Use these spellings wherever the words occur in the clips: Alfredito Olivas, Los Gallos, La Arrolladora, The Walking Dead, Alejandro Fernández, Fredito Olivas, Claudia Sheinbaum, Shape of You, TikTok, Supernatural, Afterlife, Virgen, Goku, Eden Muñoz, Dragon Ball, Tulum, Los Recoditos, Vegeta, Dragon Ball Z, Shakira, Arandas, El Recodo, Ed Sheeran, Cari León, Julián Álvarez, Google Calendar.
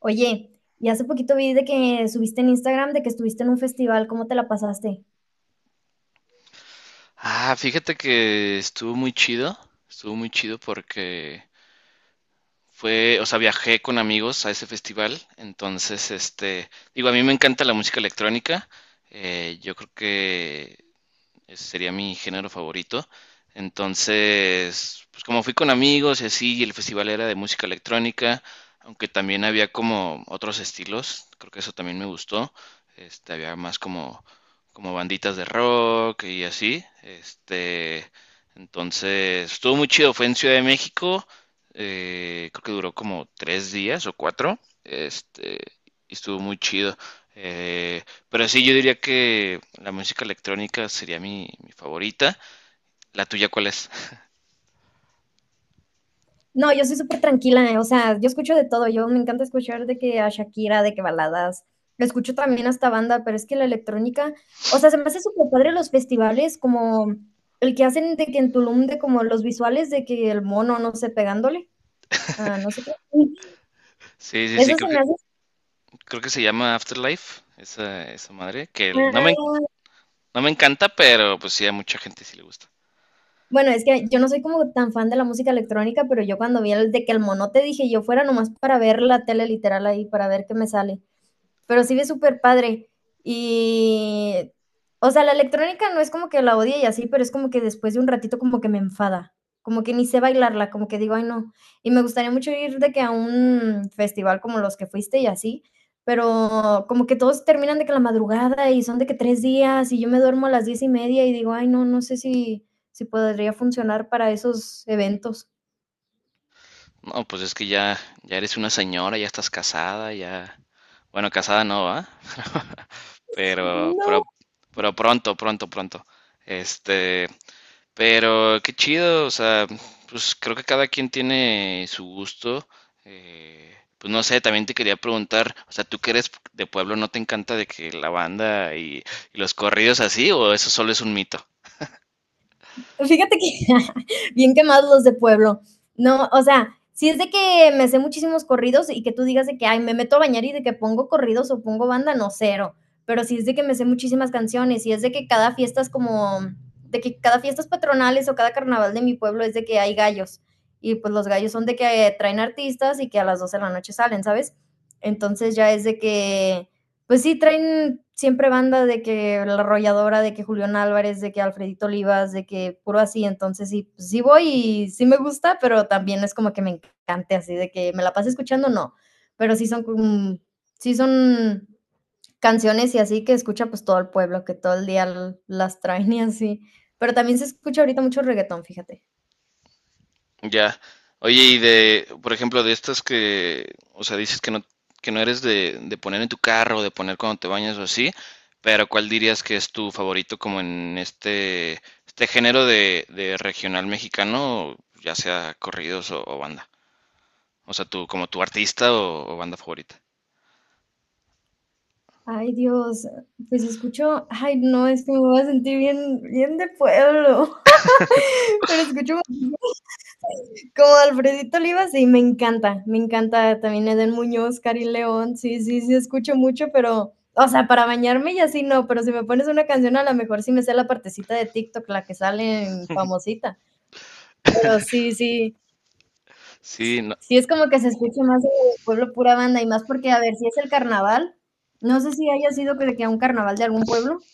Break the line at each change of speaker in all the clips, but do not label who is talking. Oye, y hace poquito vi de que subiste en Instagram de que estuviste en un festival, ¿cómo te la pasaste?
Ah, fíjate que estuvo muy chido porque fue, o sea, viajé con amigos a ese festival, entonces, digo, a mí me encanta la música electrónica, yo creo que ese sería mi género favorito. Entonces, pues como fui con amigos y así, y el festival era de música electrónica, aunque también había como otros estilos, creo que eso también me gustó. Había más como, como banditas de rock y así. Entonces, estuvo muy chido, fue en Ciudad de México, creo que duró como 3 días o 4. Este, y estuvo muy chido. Eh, pero sí, yo diría que la música electrónica sería mi favorita. ¿La tuya cuál es?
No, yo soy súper tranquila, o sea, yo escucho de todo, yo me encanta escuchar de que a Shakira, de que baladas, escucho también hasta banda, pero es que la electrónica, o sea, se me hace súper padre los festivales, como el que hacen de que en Tulum, de como los visuales de que el mono, no sé, pegándole, ah, no sé qué.
Sí, sí, sí,
Eso se me
creo que se llama Afterlife, esa madre,
hace.
no me encanta, pero pues sí, a mucha gente sí le gusta.
Bueno, es que yo no soy como tan fan de la música electrónica, pero yo cuando vi el de que el monote dije yo fuera nomás para ver la tele literal ahí, para ver qué me sale, pero sí es súper padre. Y, o sea, la electrónica no es como que la odie y así, pero es como que después de un ratito como que me enfada, como que ni sé bailarla, como que digo, ay no. Y me gustaría mucho ir de que a un festival como los que fuiste y así, pero como que todos terminan de que la madrugada y son de que 3 días y yo me duermo a las 10:30 y digo, ay no, no sé si podría funcionar para esos eventos.
No, pues es que ya, ya eres una señora, ya estás casada, ya... Bueno, casada no, ¿va? Pero,
No,
pero, pero pronto, pronto. Este, pero qué chido, o sea, pues creo que cada quien tiene su gusto. Pues no sé, también te quería preguntar, o sea, ¿tú que eres de pueblo no te encanta de que la banda y los corridos así o eso solo es un mito?
fíjate que bien quemados los de pueblo. No, o sea, si es de que me sé muchísimos corridos y que tú digas de que, ay, me meto a bañar y de que pongo corridos o pongo banda, no, cero. Pero si es de que me sé muchísimas canciones y es de que cada fiesta es como, de que cada fiestas patronales o cada carnaval de mi pueblo es de que hay gallos. Y pues los gallos son de que traen artistas y que a las 12 de la noche salen, ¿sabes? Entonces ya es de que pues sí, traen siempre banda de que La Arrolladora, de que Julián Álvarez, de que Alfredito Olivas, de que puro así, entonces sí, pues sí voy y sí me gusta, pero también no es como que me encante así de que me la pase escuchando, no, pero sí son canciones y así que escucha pues todo el pueblo, que todo el día las traen y así, pero también se escucha ahorita mucho reggaetón, fíjate.
Ya. Oye, por ejemplo, o sea, dices que no eres de poner en tu carro, de poner cuando te bañas o así, pero ¿cuál dirías que es tu favorito como en este género de regional mexicano, ya sea corridos o banda? O sea, tu, como tu artista o banda favorita.
Ay, Dios, pues escucho, ay, no, es que me voy a sentir bien, bien de pueblo, pero escucho como Alfredito Olivas, sí, me encanta también Eden Muñoz, Cari León, sí, sí, sí, escucho mucho, pero, o sea, para bañarme y así no, pero si me pones una canción a lo mejor sí me sé la partecita de TikTok, la que sale en famosita, pero sí, sí,
Sí,
sí es como que se escucha más de pueblo pura banda y más porque, a ver, si es el carnaval, no sé si haya sido que de que a un carnaval de algún pueblo.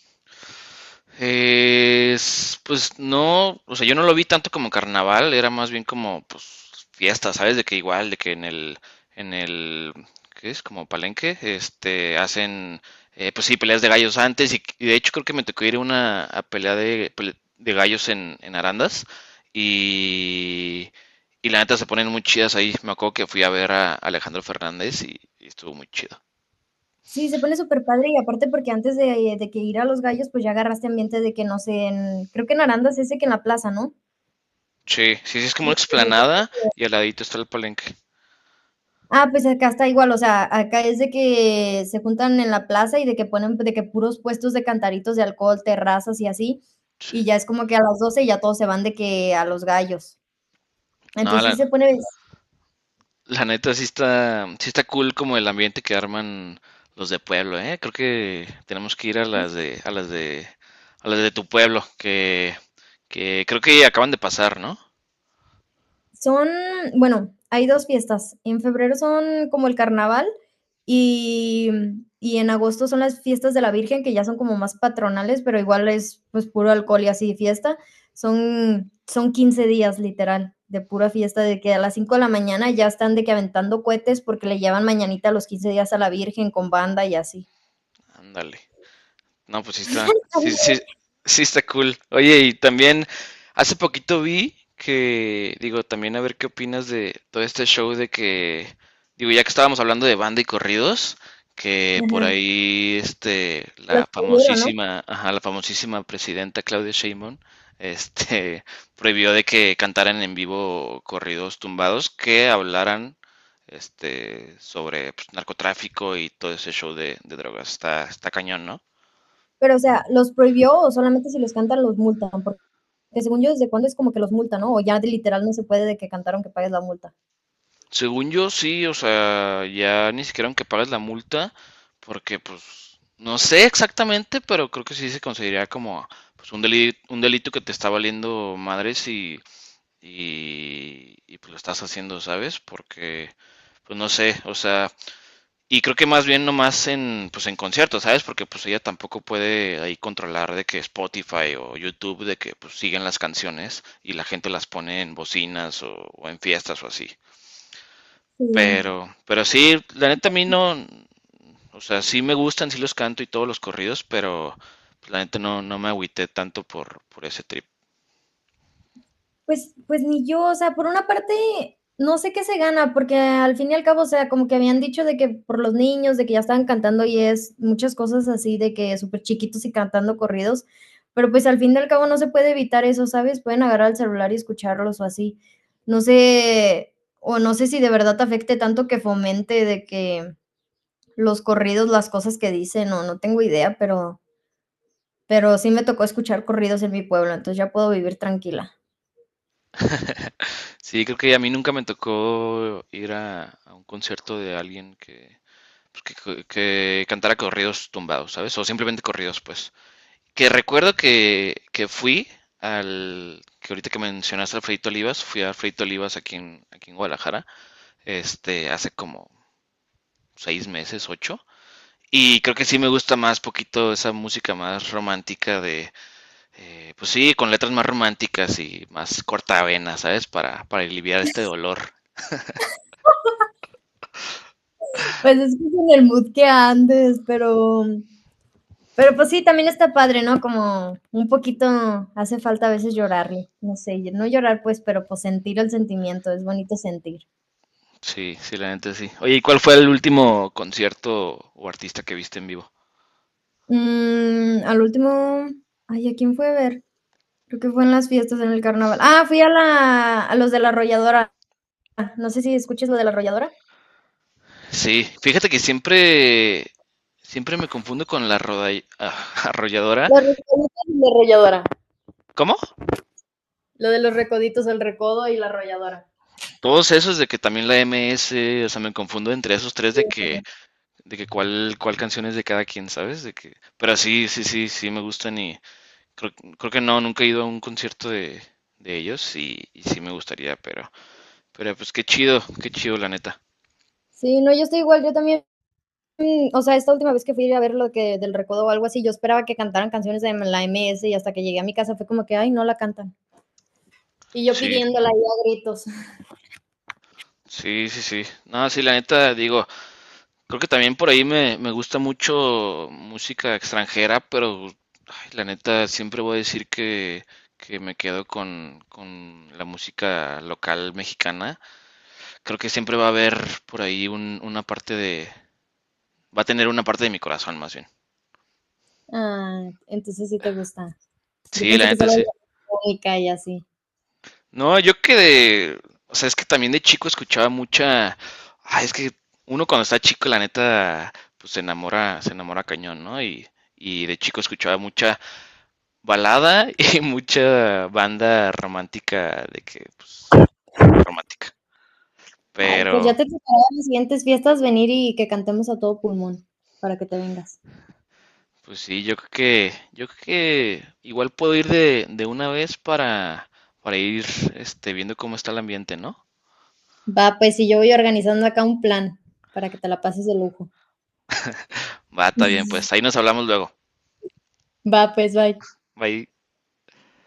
es, pues no, o sea, yo no lo vi tanto como carnaval, era más bien como pues fiesta, ¿sabes? De que igual, de que en el, ¿qué es? Como palenque, este, hacen, pues sí, peleas de gallos antes y de hecho creo que me tocó ir a una a de gallos en Arandas y, y la neta se ponen muy chidas ahí. Me acuerdo que fui a ver a Alejandro Fernández y estuvo muy chido.
Sí, se pone súper padre y aparte porque antes de que ir a Los Gallos, pues ya agarraste ambiente de que no sé, creo que en Arandas ese que en la plaza, ¿no?
Sí, sí, sí, es como una explanada y al ladito está el palenque.
Ah, pues acá está igual, o sea, acá es de que se juntan en la plaza y de que ponen de que puros puestos de cantaritos de alcohol, terrazas y así, y
Sí.
ya es como que a las 12 ya todos se van de que a los gallos.
No,
Entonces
la,
sí se pone.
La neta sí está cool como el ambiente que arman los de pueblo, ¿eh? Creo que tenemos que ir a a las de tu pueblo, que creo que acaban de pasar, ¿no?
Son, bueno, hay dos fiestas. En febrero son como el carnaval y, y en agosto son las fiestas de la Virgen, que ya son como más patronales, pero igual es pues puro alcohol y así fiesta. Son 15 días literal de pura fiesta, de que a las 5 de la mañana ya están de que aventando cohetes porque le llevan mañanita los 15 días a la Virgen con banda y así.
Ándale. No, pues sí está, sí, sí, sí está cool. Oye, y también hace poquito vi que, digo, también a ver qué opinas de todo este show de que, digo, ya que estábamos hablando de banda y corridos, que por
Ajá,
ahí, este,
los
la
prohibieron, ¿no?
famosísima, ajá, la famosísima presidenta Claudia Sheinbaum, este, prohibió de que cantaran en vivo corridos tumbados que hablaran, este, sobre pues, narcotráfico y todo ese show de drogas. Está, está cañón, ¿no?
Pero, o sea, ¿los prohibió o solamente si los cantan los multan? Porque que según yo, ¿desde cuándo es como que los multa, no? O ya de literal no se puede de que cantaron que pagues la multa.
Según yo, sí, o sea, ya ni siquiera aunque pagues la multa, porque pues no sé exactamente, pero creo que sí se consideraría como pues, un delito que te está valiendo madres pues lo estás haciendo, ¿sabes? Porque, pues no sé, o sea, y creo que más bien nomás pues en conciertos, ¿sabes? Porque pues ella tampoco puede ahí controlar de que Spotify o YouTube, de que pues siguen las canciones y la gente las pone en bocinas o en fiestas o así.
Sí.
Pero sí, la neta a mí no, o sea, sí me gustan, sí los canto y todos los corridos, pero pues, la neta no, no me agüité tanto por ese trip.
Pues, pues ni yo, o sea, por una parte, no sé qué se gana, porque al fin y al cabo, o sea, como que habían dicho de que por los niños, de que ya estaban cantando y es muchas cosas así, de que súper chiquitos y cantando corridos, pero pues al fin y al cabo no se puede evitar eso, ¿sabes? Pueden agarrar el celular y escucharlos o así. No sé, o no sé si de verdad te afecte tanto que fomente de que los corridos, las cosas que dicen, o no tengo idea, pero sí me tocó escuchar corridos en mi pueblo, entonces ya puedo vivir tranquila.
Sí, creo que a mí nunca me tocó ir a un concierto de alguien que, pues, que cantara corridos tumbados, ¿sabes? O simplemente corridos, pues. Que fui al, que ahorita que mencionaste al Fredito Olivas, fui a Fredito Olivas aquí en, aquí en Guadalajara, este, hace como 6 meses, 8. Y creo que sí me gusta más poquito esa música más romántica de, pues sí, con letras más románticas y más cortavenas, ¿sabes? Para aliviar este dolor.
Pues es que es en el mood que andes, pero pues sí, también está padre, ¿no? Como un poquito hace falta a veces llorarle, no sé, y no llorar pues, pero pues sentir el sentimiento, es bonito sentir.
Sí, sí, la neta sí. Oye, ¿y cuál fue el último concierto o artista que viste en vivo?
Mm, al último, ay, ¿a quién fue a ver? Creo que fue en las fiestas, en el carnaval. Ah, a los de la arrolladora. No sé si escuches lo de la arrolladora.
Sí, fíjate que siempre, siempre me confundo con arrolladora.
Los recoditos y la arrolladora.
¿Cómo?
Lo de los recoditos, el recodo y la arrolladora.
Todos esos de que también la MS o sea, me confundo entre esos tres de que cuál, cuál canción es de cada quien, ¿sabes? De que, pero sí, sí, sí, sí me gustan y, Creo, creo que no, nunca he ido a un concierto de ellos y sí me gustaría, pero pues qué chido la neta.
Sí, no, yo estoy igual, yo también, o sea, esta última vez que fui a ver lo que del recodo o algo así, yo esperaba que cantaran canciones de la MS y hasta que llegué a mi casa fue como que, ay, no la cantan. Y yo
Sí,
pidiéndola ahí a gritos.
sí, sí, sí. No, sí, la neta, digo, creo que también por ahí me gusta mucho música extranjera, pero ay, la neta siempre voy a decir que me quedo con la música local mexicana. Creo que siempre va a haber por ahí una parte de, va a tener una parte de mi corazón más bien.
Ah, entonces sí te gusta. Yo
Sí, la
pensé que
neta
solo
sí.
la música y así.
No, yo que de, o sea, es que también de chico escuchaba mucha, ay, es que uno cuando está chico, la neta, pues se enamora cañón, ¿no? Y de chico escuchaba mucha balada y mucha banda romántica, de que, pues, romántica.
Ay, pues ya
Pero,
te tocará en las siguientes fiestas venir y que cantemos a todo pulmón para que te vengas.
pues sí, yo creo que igual puedo ir de una vez para ir, este, viendo cómo está el ambiente, ¿no?
Va, pues, y yo voy organizando acá un plan para que te la pases de lujo.
Va, está bien, pues ahí nos hablamos luego.
Va, pues, bye.
Bye.